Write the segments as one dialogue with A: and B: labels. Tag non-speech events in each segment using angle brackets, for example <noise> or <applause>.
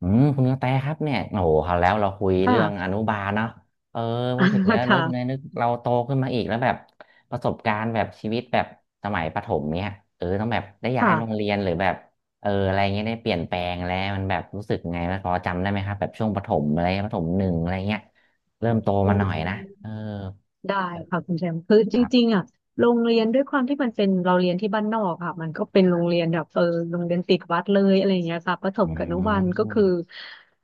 A: อืมคุณกระแตครับเนี่ยโอ้โหคราวแล้วเราคุยเรื่องอ
B: ค่ะ
A: นุบาลเนาะเออพอถึงแล้ว
B: <laughs>
A: นึกใน
B: ค่ะ
A: นึกเราโตขึ้นมาอีกแล้วแบบประสบการณ์แบบชีวิตแบบสมัยประถมเนี่ยต้องแบบได้ย้ายโรง
B: ค่ะ
A: เรียนหรือแบบอะไรเงี้ยได้เปลี่ยนแปลงแล้วมันแบบรู้สึกไงมันพอจำได้ไหมครับแบบช่วงประถมอะไรประถมหนึ่งอะไรเงี้ยเริ่มโต
B: อื
A: มาหน่อยนะเออ
B: มได้ค่ะคุณแชมป์คือจ
A: ครั
B: ริง
A: บ
B: ๆอ่ะโรงเรียนด้วยความที่มันเป็นเราเรียนที่บ้านนอกค่ะมันก็เป็นโรงเรียนแบบโรงเรียนติดวัดเลยอะไรอย่างเงี้ยค่ะประถม
A: อื
B: กับอนุบาลก็
A: ม
B: คือ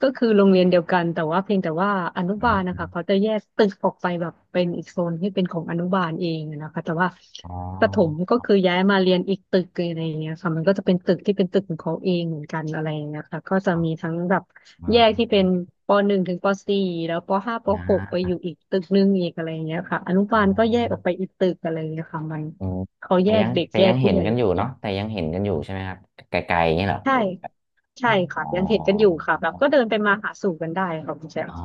B: ก็คือโรงเรียนเดียวกันแต่ว่าเพียงแต่ว่าอนุ
A: น
B: บาลนะ
A: ะ
B: คะเขาจะแยกตึกออกไปแบบเป็นอีกโซนที่เป็นของอนุบาลเองนะคะแต่ว่า
A: อ๋อ
B: ประถมก็คือย้ายมาเรียนอีกตึกเลยอะไรอย่างเงี้ยค่ะมันก็จะเป็นตึกที่เป็นตึกของเขาเองเหมือนกันอะไรอย่างเงี้ยค่ะก็จะ
A: อ๋อ
B: มีทั้งแบบ แยกที่เป็นปหนึ่งถึงปสี่แล้วปห้าป
A: น
B: หกไปอ
A: ะ
B: ยู่อีกตึกหนึ่งอีกอะไรอย่างเงี้ยค่ะอนุ
A: อ๋อ
B: บาลก็แยกออกไปอีกตึกอะไรอย่างเงี้ยค่ะมัน
A: อืม
B: เขา
A: แต่
B: แยก
A: ยัง
B: เด็ก
A: แต่
B: แย
A: ยั
B: ก
A: งเห็
B: ผู้
A: น
B: ใหญ่
A: กันอยู่
B: แย
A: เนาะ
B: ก
A: แต่ยังเห็นกันอยู่ใช่ไหมครับไกลๆอย่างเงี้ยเหรอ
B: ใช่
A: หรือแบบอ๋
B: ใช่
A: อ
B: ค่ะยังเห็นกันอยู่ค่ะแบบก็เดินไปมาหาสู่กันได้ค่ะคุณแชม
A: อ๋
B: ป์
A: อ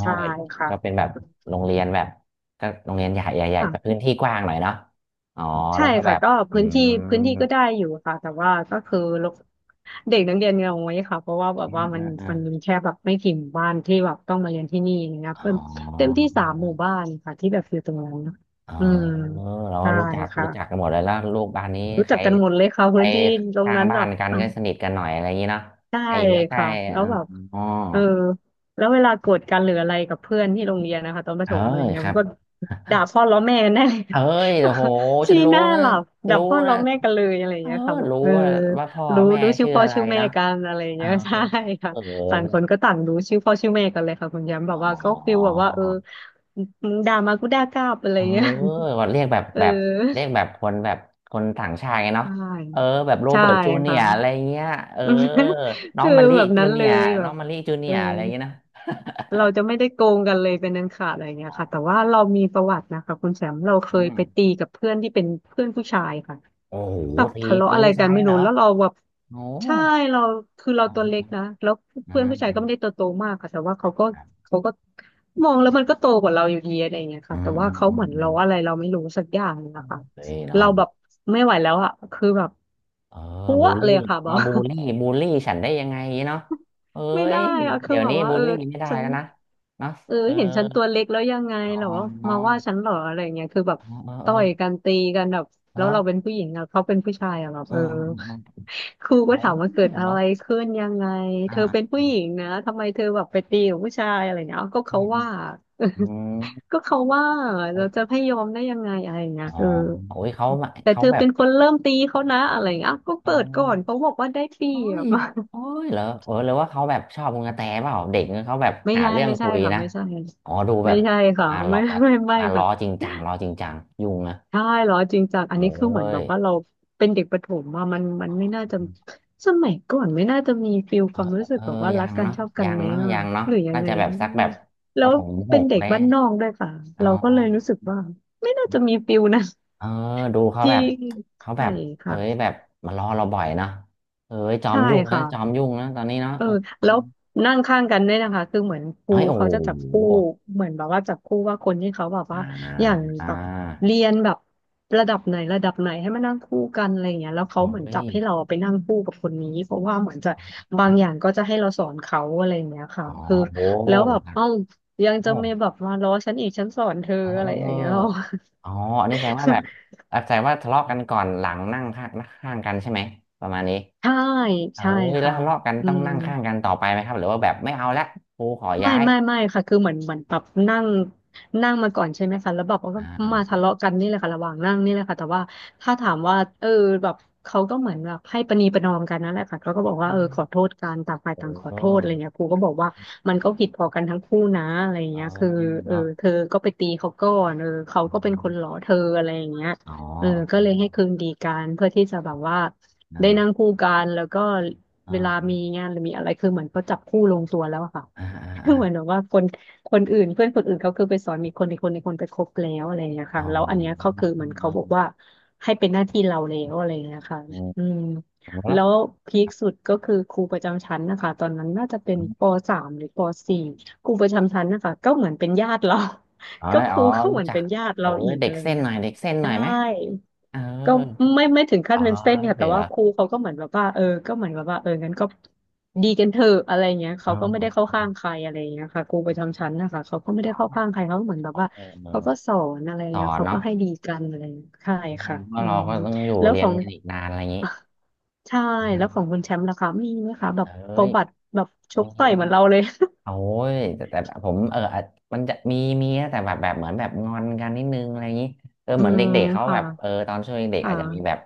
B: ใช่ค่ะ
A: ก็เป็นแบบโรงเรียนแบบก็โรงเรียนใหญ่ใหญ่แต่พื้
B: ค่ะ
A: นที่กว้างหน่อยเนาะอ๋อ
B: ใช่
A: แล้วก็แบ
B: ค่ะ
A: บ
B: ก็
A: อื
B: พื้นที่
A: ม
B: พื้นที่ก็ได้อยู่ค่ะแต่ว่าก็คือลกเด็กนักเรียนเราไว้ค่ะเพราะว่าแบบ
A: อืม
B: ว่ามั
A: อื
B: น
A: มอ
B: มันมี
A: ม
B: แค่แบบไม่กี่หมู่บ้านที่แบบต้องมาเรียนที่นี่นะครับ
A: อ๋
B: เต็
A: อ
B: มเต็มที่สามหมู่บ้านค่ะที่แบบอยู่ตรงนั้นนะ
A: เออ
B: อืม
A: เราก็
B: ใช่
A: รู้จักกั
B: ค่ะ
A: นหมดเลยแล้วลูกบ้านนี้
B: รู้
A: ใค
B: จั
A: ร
B: กกันหมดเลยค่ะ
A: ใคร
B: พื้นที่ตรง
A: ข้าง
B: นั้น
A: บ้า
B: แบ
A: น
B: บ
A: กันก็สนิทกันหน่อยอะไรอย่างงี้เนาะ
B: ใช่
A: ใครอยู่ใกล้
B: ค่ะ
A: ๆ
B: แล้วแบบ
A: อ๋อ
B: เออแล้วเวลาโกรธกันหรืออะไรกับเพื่อนที่โรงเรียนนะคะตอนป
A: เอ
B: ระ
A: อ
B: ถมอะไรเงี้
A: ค
B: ย
A: รั
B: มั
A: บ
B: นก็ด่าพ่อล้อแม่กันได้เลย
A: เฮ้ยโอ้โห
B: <laughs>
A: ฉั
B: ชี้
A: นรู้
B: หน้า
A: นะ
B: หลับด่า
A: รู้
B: พ่อล้
A: นะ
B: อแม่กันเลยอะไร
A: เออ
B: เงี้ยค่ะแบบ
A: รู้ว่าพ่อ
B: รู้
A: แม่
B: รู้ชื่อ
A: ชื่อ
B: พ่อ
A: อะไร
B: ชื่อแม่
A: นะ
B: กันอะไร
A: เออ
B: เงี้ย <laughs> ใช่ค่ะ
A: เอ
B: ต่างคน
A: อ
B: ก็ต่างรู้ชื่อพ่อชื่อแม่กันเลยค่ะคุณย้ำแบ
A: อ๋
B: บ
A: อ
B: ว่าก็ฟิลแบบว่ามึงด่ามากูด่ากลับอะไร
A: เออ
B: เงี้ย
A: ก็เรียกแบบ
B: <laughs> เ
A: แบบเรี
B: ออ
A: ยกแบบคนแบบคนต่างชาติไง
B: ใช
A: เนาะเออ
B: ่
A: แบบโร
B: ใช่
A: เบิร์ตจูเนีย
B: ค่ะ
A: ร์อะไรเงี้ยเออ
B: <laughs>
A: น้อง
B: คือ
A: มะลิ
B: แบบ
A: จู
B: นั้น
A: เนี
B: เล
A: ยร์
B: ยแบ
A: น้อ
B: บ
A: งมะลิจูเนี
B: เอ
A: ย
B: อ
A: ร์อะไรเงี้ยนะ
B: เราจะไม่ได้โกงกันเลยเป็นอันขาดอะไรเงี้ย
A: อ๋อ
B: ค่ะแต่ว่าเรามีประวัตินะคะคุณแชมป์เราเค
A: อื
B: ย
A: ม
B: ไปตีกับเพื่อนที่เป็นเพื่อนผู้ชายค่ะ
A: โอ้โห
B: แบบ
A: ตี
B: ทะเลาะ
A: ตี
B: อะไร
A: ผู้
B: กั
A: ชา
B: น
A: ย
B: ไม่
A: เหร
B: รู้
A: อ
B: แล้วเราแบบ
A: โอ้โ
B: ใช่เราคือเรา
A: ห
B: ตัวเล็ก
A: อืม
B: นะแล้ว
A: อื
B: เพื่อน
A: ม
B: ผู้ชาย
A: อื
B: ก็
A: ม
B: ไม่ได้ตัวโตมากค่ะแต่ว่าเขาก็มองแล้วมันก็โตกว่าเราอยู่ดีอะไรเงี้ย
A: อื
B: ค่ะ
A: ม
B: แต่
A: อื
B: ว่า
A: ม
B: เขา
A: อื
B: เห
A: ม
B: มือน
A: อื
B: เรา
A: ม
B: อะไรเราไม่รู้สักอย่าง
A: อื
B: นะ
A: ม
B: คะ
A: เฮ้ยเนาะ
B: เราแบบไม่ไหวแล้วอะคือแบบ
A: เออ
B: พัว
A: บูล
B: เล
A: ลี่
B: ยอะค่ะบอ
A: มา
B: ก
A: บูลลี่ฉันได้ยังไงเนาะเอ้
B: ไม่
A: ย
B: ได้อะคื
A: เดี๋
B: อ
A: ยว
B: แบ
A: นี้
B: บว่า
A: บูลลี่ไม่ได้
B: ฉัน
A: แล้วนะเนาะเออ
B: เห็นฉันตัวเล็กแล้วยังไง
A: อ๋อ
B: เหรอมาว่าฉันเหรออะไรยงเงี้ยคือแบบ
A: เออเออเอ
B: ต่
A: อ
B: อยกันตีกันแบบแล้
A: แล้
B: ว
A: ว
B: เราเป็นผู้หญิงอะเขาเป็นผู้ชายอะแบบ
A: เออเออเออ
B: ครูก็
A: เอา
B: ถามว่าเกิดอะ
A: เหรอ
B: ไรขึ้นยังไง
A: อ่
B: เธอเป็น
A: า
B: ผู้หญิงนะทำไมเธอแบบไปตีกับผู้ชายอะไรเงี้ยอ้าวก็
A: อื
B: เขา
A: มอืม
B: ว่า <laughs> ก็เขาว่า
A: อ
B: เรา
A: ม
B: จะให้ยอมได้ยังไงอะไรเงี้
A: อ๋อ
B: ย
A: โอ้ยเขามา
B: แต่
A: เขา
B: เธอ
A: แบบ
B: เป็นคนเริ่มตีเขานะอะไราเงี้ยอ้าวก็
A: เอ
B: เปิดก่อน
A: อ
B: เขาบอกว่าได้เปรี
A: โอ้
B: ย
A: ย
B: บ <laughs>
A: โอ้ยเหรอเออหรือว่าเขาแบบชอบมึงกระแตเปล่าเด็กเนี่ยเขาแบบ
B: ไม่
A: หา
B: ใช่
A: เรื่อง
B: ไม่
A: คุ
B: ใช่
A: ย
B: ค่ะ
A: นะ
B: ไม่ใช่
A: อ๋อดูแบ
B: ไม่
A: บ
B: ใช่ค่ะ
A: มาล้
B: ไม่
A: อ
B: ไม่ไม่ไม่
A: มาล้
B: ค่ะ
A: อจริงจังล้อจริงจังยุ่งนะ
B: ใช่เหรอจริงจังอั
A: เอ้
B: นนี้คือเหมือนแบ
A: ย
B: บว่าเราเป็นเด็กประถมว่ามันมันไม่น่าจะสมัยก่อนไม่น่าจะมีฟิล
A: เอ
B: ค
A: อ
B: วามรู้สึ
A: เอ
B: ก
A: อ
B: แบบว่า
A: ยั
B: รัก
A: ง
B: กัน
A: เนาะ
B: ชอบกั
A: ยั
B: น
A: ง
B: ไหม
A: เนาะ
B: อ่ะ
A: ยังเนาะ
B: หรือยัง
A: น่า
B: ไง
A: จะแบบสักแบบป
B: แล้
A: ระ
B: ว
A: ถมห
B: เป็น
A: ก
B: เด็ก
A: เลย
B: บ้านนอกด้วยค่ะ
A: เอา
B: เราก็เลยรู้สึกว่าไม่น่า
A: ดู
B: จะมีฟิลนะ
A: เออดู
B: <laughs>
A: เขา
B: ที่
A: แบบเขาแบ
B: ใช่
A: บเอ้ย
B: ค่ะ
A: แบบมารอเราบ่อยเนาะเอ้ยจอ
B: ใช่
A: มยุ่งนะ
B: ค่ะ
A: จอมยุ่งนะตอนนี้เนาะ
B: เออ
A: เออ
B: แล้วนั่งข้างกันด้วยนะคะคือเหมือนครู
A: เอ้ยโอ้โ
B: เขาจะจับคู่
A: ห
B: เหมือนแบบว่าจับคู่ว่าคนที่เขาแบบ
A: อ่า
B: ว่าอย่าง
A: อ่า
B: แบบเรียนแบบระดับไหนระดับไหนให้มานั่งคู่กันอะไรอย่างเงี้ยแล้วเขา
A: โอ้
B: เหมือนจับ
A: ย
B: ให้เราไปนั่งคู่กับคนนี้เพราะว่าเหมือนจะบางอย่างก็จะให้เราสอนเขาอะไรอย่างเงี้ยค่ะ
A: อ๋อ
B: คือ
A: โอ้
B: แล้วแบบเอ้ายังจะ
A: โอ้
B: มีแบบมาล้อฉันอีกฉันสอนเธอ
A: เออ
B: อะ
A: เออ
B: ไรอย่า
A: เอ
B: ง
A: อ
B: เงี้ย
A: อ๋ออันนี้แสดงว่าแบบ
B: <laughs>
A: แสดงว่าทะเลาะกันก่อนหลังนั่งข้างกันใช่ไหมประมาณนี้
B: ใช่
A: เออ
B: ใช่
A: แล้ว
B: ค่ะ
A: ทะเลาะกัน
B: อื
A: ต้อง
B: ม
A: นั่งข้างกันต่อไปไหมครับหรือว่าแบบไม่เอาละครูขอ
B: ไม่
A: ย้าย
B: ไม่ไม่ค่ะคือเหมือนแบบนั่งนั่งมาก่อนใช่ไหมคะแล้วแบบก็
A: อ่าอ่า
B: มาทะเลาะกันนี่แหละค่ะระหว่างนั่งนี่แหละค่ะแต่ว่าถ้าถามว่าแบบเขาก็เหมือนแบบให้ประนีประนอมกันนั่นแหละค่ะเขาก็บอกว่า
A: อื
B: เออขอโท
A: ม
B: ษกันต่างฝ่ายต่างขอ
A: เอ
B: โทษอะไร
A: อ
B: เงี้ยครูก็บอกว่ามันก็ผิดพอกันทั้งคู่นะอะไร
A: เออ
B: เงี้ยคือเออ
A: เนาะ
B: เธอก็ไปตีเขาก่อนเออเขา
A: อ
B: ก็เป็นคนหลอ
A: ม
B: เธออะไรอย่างเงี้ย
A: อ๋อ
B: เออก็เลยให้คืนดีกันเพื่อที่จะแบบว่าได้นั่ง
A: เ
B: คู่กันแล้วก็
A: ่า
B: เวลา
A: อ่า
B: มีงานหรือมีอะไรคือเหมือนเขาจับคู่ลงตัวแล้วอะค่ะ
A: อ่าอ่า
B: คื
A: อ่า
B: อเหมือนแบบว่าคนอื่นเพื่อนคนอื่นเขาคือไปสอนมีคนอีกคนไปคบแล้วอะไรอย่างเงี้ยค่ะ
A: เอา
B: แล้วอันเนี้ยเขาคือเหมือนเขาบอกว่าให้เป็นหน้าที่เราแล้วอะไรอย่างเงี้ยค่ะ
A: เออ
B: อืม
A: เอมแล้
B: แล้
A: ว
B: วพีคสุดก็คือครูประจำชั้นนะคะตอนนั้นน่าจะเป็นป
A: ออ
B: สามหรือปสี่ครูประจำชั้นนะคะก็เหมือนเป็นญาติเรา
A: อ๋อ
B: <laughs> ก็ครูก็เห
A: รู้
B: มือน
A: จัก
B: เป็นญาติ
A: เอ
B: เรา
A: อ
B: อีก
A: เด็
B: อะ
A: ก
B: ไรอย่า
A: เส้
B: ง
A: น
B: เงี้
A: ห
B: ย
A: น่อย
B: ค่ะ
A: เด็กเส้นหน่อยไหม
B: ใช่
A: เออ
B: ก็ไม่ถึงขั้
A: อ๋
B: น
A: อ
B: เป็นเส้นค่ะ
A: ถึ
B: แต่
A: ง
B: ว่า
A: แล้ว
B: ครูเขาก็เหมือนแบบว่าเออก็เหมือนแบบว่าเอองั้นก็ดีกันเถอะอะไรเงี้ย
A: เอ
B: เขาก็ไม่ได้เข้า
A: ออ
B: ข้างใครอะไรเงี้ยค่ะครูประจำชั้นนะคะเขาก็ไม่
A: อ๋
B: ได้เข้าข้าง
A: อ
B: ใครเขาเหมือนแบ
A: เอ
B: บ
A: อ
B: ว่า
A: เออ
B: เขาก็สอนอะไร
A: สอ
B: เงี้ย
A: น
B: เขาก็
A: เนาะ
B: ให้ดีกันอะไรเงี้ยใช่ค่ะ
A: เพ่า
B: อื
A: เรา
B: ม
A: ก็ต้องอยู่
B: แล้ว
A: เรี
B: ข
A: ย
B: อ
A: น
B: ง
A: กันอีกนานอะไรอย่างนี้
B: <laughs> ใช่แล้วของคุณแชมป์ล่ะคะมีไหมคะแบบ
A: เอ้
B: ป
A: ย
B: ระวัติแบบช
A: ไม่
B: กต่อยเหมือนเราเลย
A: โอ้ยแต่แต่ผมอาจมันจะมีมีนะแต่แบบแบบเหมือนแบบงอนกันนิดนึงอะไรอย่างนี้เออ
B: <laughs> อื
A: เหมือน
B: ม
A: เด็กๆเขา
B: ค่ะ
A: แบบเออตอนช่วงเด็กๆ
B: ค่ะ
A: อาจจะมีแบบ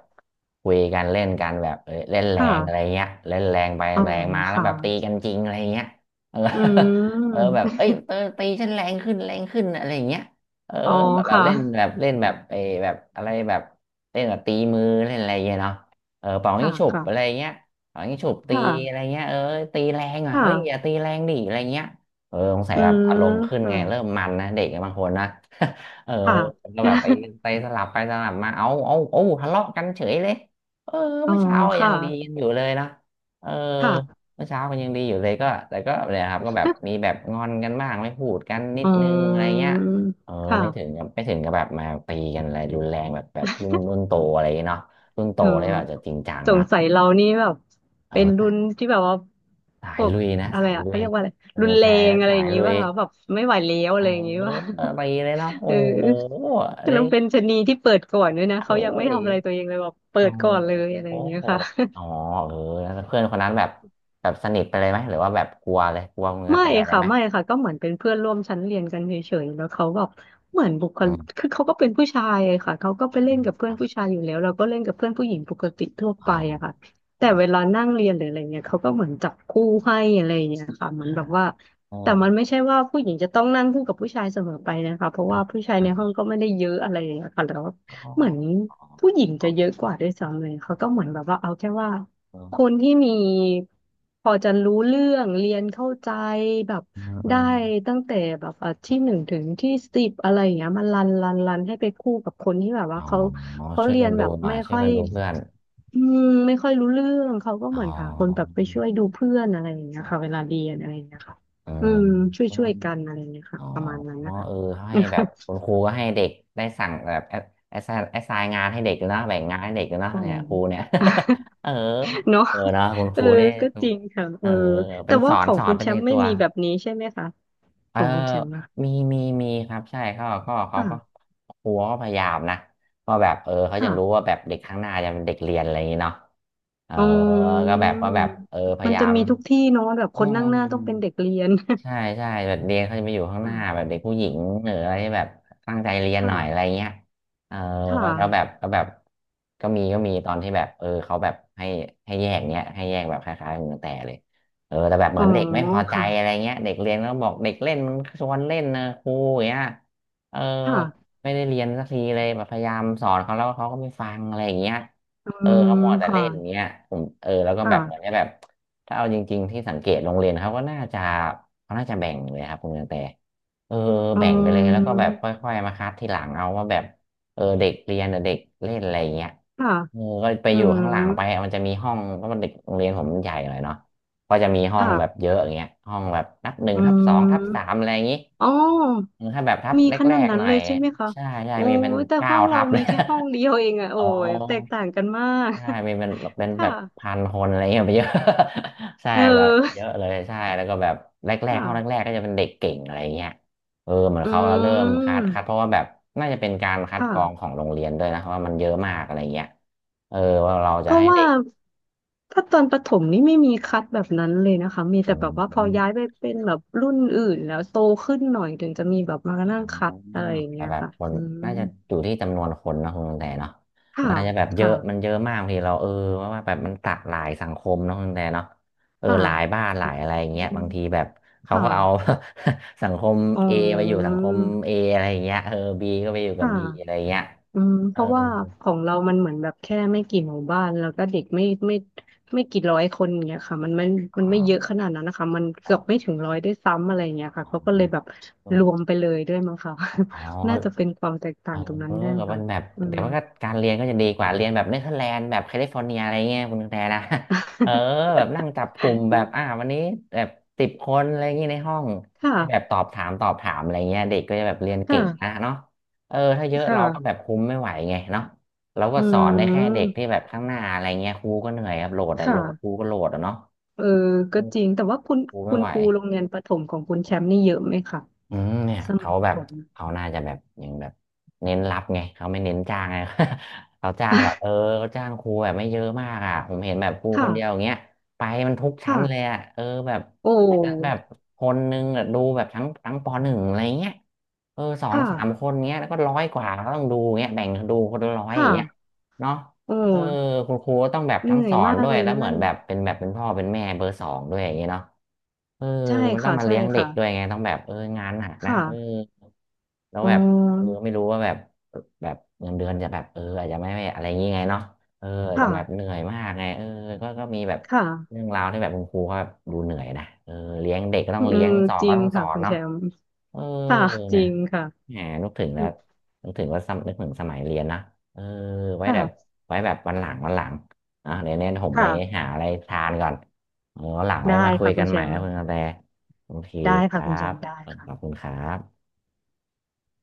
A: คุยกันเล่นกันแบบเออเล่นแรงอะไร
B: ค่ะ
A: เงี้ยเล่นแรงไป
B: อ๋อ
A: แรงมาแล้ว
B: ค่ะ
A: แบบตีกันจริงอะไรเงี้ยเออ
B: อื
A: <laughs> เออ
B: ม
A: แบบเอ้ยเออตีฉันแรงขึ้นอะไรอย่างเงี้ยเออ
B: อ๋อ
A: แบบแบบ
B: ค่ะ
A: เล่นแบบเออแบบอะไรแบบเล่นแบบตีมือเล่นอะไรเงี้ยเนาะเออเป่ายิ
B: ค่ะ
A: งฉุบอะไร
B: ค่ะ
A: เงี้ย เอางี้ฉุบตีอะไร
B: ค่ะ
A: เงี้ยเออตีแรงอ่ะ
B: ค่ะ
A: เฮ้ยอย่าตีแรงดิอะไรเงี้ยเออสงสัย
B: อื
A: แบบ
B: ม
A: อารมณ์ขึ้น
B: ค่ะ
A: ไงเริ่มมันนะเด็กบางคนนะ <laughs> เออ
B: ค่ะ
A: ก็แบบไป
B: <laughs>
A: ไสลับไปสลับมาเอาทะเลาะกันเฉยเลยเออ
B: อ๋อ
A: เมื่อเช้ายั
B: ค่ะ
A: งดีกันอยู่เลยนะเออ
B: ค่ะ
A: เมื่อเช้ามันยังดีอยู่เลยก็แต่ก็เนี่ยครับก็แบบมีแบบงอนกันบ้างไม่พูดกันนิ
B: อื
A: ดนึงอะไรเงี้ย
B: ม
A: เออ
B: ค่ะ
A: ไม่ถึงกับแบบมาตีกันอะไรรุนแรงแบบแบบรุ่นโตอะไรเนาะรุ่นโต
B: เออ
A: เลยแบบจะจริงจัง
B: ส
A: นะ
B: งสัยเรานี่แบบ
A: เอ
B: เป็นรุ่น
A: อ
B: ที่แบบว่า
A: สา
B: พ
A: ย
B: วก
A: ลุยนะ
B: อะไร
A: สาย
B: อะ
A: ลุ
B: เขา
A: ย
B: เรียกว่าอะไร
A: เออ
B: รุนแร
A: แต่
B: งอะไร
A: สา
B: อ
A: ย
B: ย่างงี้
A: ลุย
B: ป่ะคะแบบไม่ไหวแล้ว
A: เอ
B: อะ
A: อ
B: ไรอย่างงี้ป่ะ
A: ไปเลยเนาะ
B: <laughs>
A: โอ้
B: เออ
A: โหเล
B: แล้
A: ย
B: วเป็นชะนีที่เปิดก่อนด้วยนะ
A: เอ้
B: เขายังไม่
A: ย
B: ทำอะไรตัวเองเลยแบบเปิ
A: โอ้
B: ดก่อนเลยอะไร
A: โห
B: อย่างเงี้ยค่ะ
A: อ๋อเออแล้วเพื่อนคนนั้นแบบแบบสนิทไปเลยไหมหรือว่าแบบกลัวเลยกลัวมือกระ
B: ไม่
A: แตเลย
B: ค่ะ
A: ไหม
B: ไม่ค่ะก็เหมือนเป็นเพื่อนร่วมชั้นเรียนกันเฉยๆแล้วเขาแบบเหมือนบุคลิ
A: อื
B: ก
A: ม
B: คือเขาก็เป็นผู้ชายอะค่ะเขาก็
A: อื
B: ไปเล่
A: ม
B: นกับเพื่
A: อ
B: อน
A: ม
B: ผู้ชายอยู่แล้วเราก็เล่นกับเพื่อนผู้หญิงปกติทั่ว
A: อ๋
B: ไป
A: อ
B: อะค่ะ
A: อ๋
B: แต่
A: อ
B: เวลานั่งเรียนหรืออะไรเงี้ยเขาก็เหมือนจับคู่ให้อะไรอย่างเงี้ยค่ะเหมื
A: อ่า
B: อนแบบว่า
A: เออ
B: แต่มันไม่ใช่ว่าผู้หญิงจะต้องนั่งคู่กับผู้ชายเสมอไปนะคะเพราะว่าผู้ชาย
A: อ่
B: ในห้อ
A: า
B: งก็ไม่ได้เยอะอะไรอย่างเงี้ยค่ะแล้ว
A: อ๋อ
B: เหมือน
A: อ๋อ
B: ผู้หญิง
A: อ๋อ
B: จะเยอะกว่าด้วยซ้ำเลยเขาก็เหมือนแบบว่าเอาแค่ว่า
A: เออ
B: คนที่มีพอจะรู้เรื่องเรียนเข้าใจแบบ
A: อืมอื
B: ได้
A: ม
B: ตั้งแต่แบบอ่ะที่หนึ่งถึงที่สิบอะไรอย่างเงี้ยมันรันให้ไปคู่กับคนที่แบบว่า
A: อ๋อ
B: เขา
A: ช่วย
B: เรีย
A: กั
B: น
A: นดู
B: แบบ
A: หน่อย
B: ไม่
A: ช่วย
B: ค่อย
A: กันดูเพื่อน
B: อืมไม่ค่อยรู้เรื่องเขาก็
A: อ๋อ
B: เหมือนค่ะคนแบบไปช่วยดูเพื่อนอะไรอย่างเงี้ยค่ะเวลาเรียนอะไรอย่างเงี้ยค่ะ
A: เออ
B: อืมช่วยกันอะไรอย่างเงี้ย
A: อ๋
B: ค่ะ
A: อ
B: ประมาณนั้นนะคะ
A: เออให้แบบ
B: <laughs>
A: คุณครูก็ให้เด็กได้สั่งแบบแอสไซน์งานให้เด็กด้วยนะแบ่งงานให้เด็กด้วยนะ
B: อ๋อ
A: เนี่ยครูเนี่ย <laughs> เออ
B: <laughs> เนาะ
A: เออเนอะคุณค
B: เออ
A: รูนี่
B: ก็จริงค่ะ
A: เอ
B: เออ
A: อเป็
B: แต่
A: นส
B: ว่า
A: อ
B: ข
A: น
B: อง
A: สอ
B: คุ
A: น
B: ณ
A: เป็
B: แช
A: นใน
B: มป์ไม่
A: ตัว
B: มีแบบนี้ใช่ไหมคะ
A: เอ
B: ข
A: อ
B: องคุณแชมป์นะ
A: มีครับใช่เขาก็
B: ค่ะ
A: ครูก็พยายามนะก็แบบเออเขาจะรู้
B: ค่ะ
A: ว่าแบบเด็กข้างหน้าจะเป็นเด็กเรียนอะไรอย่างนี้เนาะเออ
B: อืม
A: ก็แบบว่าแบบเออพ
B: มั
A: ยา
B: น
A: ยา
B: จะ
A: ม
B: มีทุกที่เนาะแบบ
A: อ๋
B: ค
A: อ
B: นนั่งหน้าต้องเป็นเด็กเรียน
A: ใช่ใช่แบบเรียนเขาจะไปอยู่ข้างหน้าแบบเด็
B: <laughs>
A: กผู้หญิงหรืออะไรที่แบบตั้งใจเรียนห
B: ค่ะ
A: น่อยอะไร
B: ค่ะ
A: เงี้ยเออ
B: ค่ะ
A: ก็แบบก็มีตอนที่แบบเออเขาแบบให้ให้แยกเนี้ยให้แยกแบบคล้ายๆมือแต่เลยเออแต่แบบเห
B: อ๋
A: มื
B: อ
A: อนเด็กไม่พอใจอะไร
B: ค่ะ
A: เงี้ยเด็กเรียนแล้วบอกเด็กเล่นมันชวนเล่นนะครูอย่างเงี้ยเออ
B: ค่ะ
A: ไม่ได้เรียนสักทีเลยแบบพยายามสอนเขาแล้วเขาก็ไม่ฟังอะไรอย่างเงี้ย
B: อื
A: เออ
B: ม
A: เขาหมัวแต่
B: ค่ะ
A: เล่นอย่างเงี้ยผมเออแล้วก็แบบเหมือน
B: ค่ะ
A: จะแบบ ถ้าเอาจริงๆที่สังเกตโรงเรียนเขาก็น่าจะเขาน่าจะแบ่งเลยครับคุณกระแตเออ
B: อื
A: แบ่งไปเลยแล้วก็แบบ
B: ม
A: ค่อยๆมาคัดทีหลังเอาว่าแบบเออเด็กเรียนกับเด็กเล่นอะไรอย่างเงี้ย
B: ค่ะ
A: เออก็ไป
B: อื
A: อยู่ข้างหลัง
B: ม
A: ไปมันจะมีห้องเพราะมันเด็กโรงเรียนผมมันใหญ่หน่อยเนาะก็จะมีห้อง
B: ค่ะ
A: แบบเยอะอย่างเงี้ยห้องแบบนับหนึ่ง
B: อื
A: ทับสองทับสาม
B: ม
A: อะไรอย่างงี้
B: อ๋อ
A: เออถ้าแบบทับ
B: มีข
A: แร
B: นาด
A: กๆ
B: นั้
A: ห
B: น
A: น่อ
B: เล
A: ย
B: ยใช่ไหมคะ
A: ใช่
B: โอ้
A: มีเป็น
B: ยแต่
A: เก้า
B: ห้องเรา
A: ทับเล
B: มี
A: ย
B: แค่ห้องเดียวเองอะ
A: <laughs>
B: โอ้
A: อ๋อ
B: ยแตกต่างกันมาก
A: ใช่มีเป็น
B: <laughs>
A: แบ
B: ค่ะ
A: บพัน
B: <laughs>
A: คนอะไรเงี้ยไปเยอะ <laughs> ใช่
B: เอ
A: แบบ
B: อ
A: เยอะเลยใช่แล้วก็แบบแรก
B: ค่ะ
A: ๆห้องแรกๆก็จะเป็นเด็กเก่งอะไรเงี้ยเออเหมือน
B: อื
A: เขาเริ่มคัดเพ
B: ม
A: ราะว่าแบบน่าจะเป็นการคัดกรองขอ
B: ค่ะ
A: งโรงเรียนด้วยนะเพราะว่ามันเยอะมากอะไรเงี้ยเออว่าเรา
B: เพ
A: จะ
B: ราะ
A: ให้
B: ว่า
A: เด็ก
B: ถ้าตอนประถมนี่ไม่มีคัดแบบนั้นเลยนะคะมีแต่
A: อื
B: แบบว่าพอย้าย
A: ม
B: ไปเป็นแบบรุ่นอื่นแล้วโตขึ้นหน่อยถึงจะมีแบบมา
A: อ่
B: นั่งคัด
A: า
B: อะไรอย่าง
A: แต่
B: เงี้ย
A: แบบ
B: ค่ะ
A: คน
B: อืม
A: น่าจะอยู่ที่จำนวนคนนะคุณแต่เนาะ
B: ค่ะ
A: มันอาจจะแบบเย
B: ค่ะ
A: อะมันเยอะมากบางทีเราเออว่าแบบมันตัดหลายสังคมเนอะคุณแต่เนาะเออ
B: ค่ะ
A: หลายบ้านหลายอะไรอย่าง
B: อื
A: เงี้ย
B: ม
A: บางทีแบบเขา
B: ค่ะ
A: ก็เอา <laughs> สังคม
B: อ๋
A: A ไปอยู่
B: อ
A: สังคม A อะไรอย่างเงี้ยเออ B ก็ไปอยู่กับ
B: ค่ะ
A: B อะไรอย่างเงี้ย
B: อืมเพ
A: เออ
B: ราะว่าของเรามันเหมือนแบบแค่ไม่กี่หมู่บ้านแล้วก็เด็กไม่กี่ร้อยคนอย่างเงี้ยค่ะมันไม่
A: อ๋
B: มั
A: อ
B: นไม่เยอะขนาดนั้นนะคะมัน
A: อ๋อ
B: เกือบไม่ถึงร้อยด้วยซ้ำอะไรอย่างเงี้ยค่ะเขาก็เลยแบบรวมไปเลยด้วยมั้งค่ะ
A: อ๋อ
B: <laughs> น่าจะเป็นความแตก
A: เอ
B: ต่าง
A: อ
B: ตรงนั้นด้วย
A: กับมั
B: ค่ะ
A: นแบบ
B: อื
A: แต่
B: ม
A: ว่าก็การเรียนก็จะดีกว่าเรียนแบบเนเธอร์แลนด์แบบแคลิฟอร์เนียอะไรเงี้ยคุณแต่นะ <laughs> เออแบบนั่งจับกลุ่มแบบวันนี้แบบ10 คนอะไรเงงี้ยในห้อง
B: <laughs> ค่ะ
A: ให้แบบตอบถามตอบถามอะไรเงี้ยเด็กก็จะแบบเรียน
B: ค่ะ
A: เก่งนะเนาะเออถ้าเยอะ
B: ค
A: เราก็แบบ
B: ่ะ
A: คุมไม่ไหวไงเนาะเราก็
B: อื
A: สอนได้แค่เด็ก
B: ม
A: ที่แบบข้างหน้าอะไรเงี้ยครูก็เหนื่อยครับโหลดอะโห
B: ค่ะ
A: ลดครูก็โหลดอะเนาะ
B: เออ
A: เอ
B: ก็
A: อ
B: จริงแต่ว่าคุณ
A: ครู
B: คุ
A: ไม่
B: ณ
A: ไหว
B: ครูโรงเรียนประถมของคุณแชมป์นี่เยอะไหมคะ
A: อืมเนี่ย
B: สมัย
A: เขา
B: ประ
A: แบ
B: ถ
A: บ
B: ม
A: เขาน่าจะแบบยังแบบเน้นรับไงเขาไม่เน้นจ้างไง <laughs> เขาจ้างแบบเออเขาจ้างครูแบบไม่เยอะมากอ่ะผมเห็นแบบครู
B: <laughs>
A: ค
B: ค่ะ
A: นเดียวอย่างเงี้ยไปมันทุกชั้นเลย
B: ค่ะ
A: อ่ะเออแบบ
B: โอ
A: อาจจะแบบ
B: ้
A: คนนึงอะดูแบบทั้งปหนึ่งอะไรเงี้ยเออสอง
B: ค่ะ
A: สามคนเงี้ยแล้วก็ร้อยกว่าก็ต้องดูเงี้ยแบ่งดูคนละร้อยอ
B: ค่ะ
A: ย่างเงี้ยเนาะ
B: โอ
A: เออ
B: ้
A: คุณครูก็ต้องแบบ
B: เห
A: ทั้ง
B: นื่อ
A: ส
B: ย
A: อน
B: มาก
A: ด้วย
B: เลย
A: แล้ว
B: นะ
A: เหมือ
B: นั่
A: น
B: น
A: แบบเป็นพ่อเป็นแม่เบอร์ 2ด้วยอย่างเงี้ยเนาะเออ
B: ใช่
A: มันต้อง
B: ค่ะ
A: มา
B: ใช่
A: เลี้ยงเด็
B: ค่ะ
A: กด้วยไงต้องแบบเอองานหนักนะ
B: ค่ะ
A: เออแล้ว
B: อ๋อ
A: แบบเออไม่รู้ว่าแบบแบบเงินเดือนจะแบบเอออาจจะไม่อะไรอย่างงี้ไงเนาะเอออาจจะ
B: ค่ะ
A: แบบเหนื่อยมากไงเออก็มีแบบ
B: ค่ะ
A: เรื่องราวที่แบบคุณครูก็แบบดูเหนื่อยนะเออเลี้ยงเด็กก็ต้อ
B: อื
A: งเลี้ย
B: ม
A: งสอน
B: จริ
A: ก็
B: ง
A: ต้องสอ
B: ค่ะ
A: น
B: คุณแช
A: เนาะ
B: มป์
A: เออ
B: ค่ะจ
A: เนี่
B: ริ
A: ย
B: งค่ะ
A: แหมนึกถึงแล้วนึกถึงว่านึกถึงสมัยเรียนนะเออไว้แบบ
B: ค่ะ
A: ไว้แบบวันหลังอ่ะเดี๋ยวเนี้นผมไป
B: ค่ะ
A: หาอะไรทานก่อนเออวันหลังไว้
B: ได้
A: มาคุย
B: ค่ะคุ
A: กั
B: ณ
A: น
B: แช
A: ใหม่
B: ม
A: นะ
B: ป์
A: คุณกระแตโอเค
B: ได้
A: ค
B: ค่ะ
A: รั
B: คุณแช
A: บ
B: มป์ได้
A: ขอบคุ
B: ค่ะ
A: ณครับ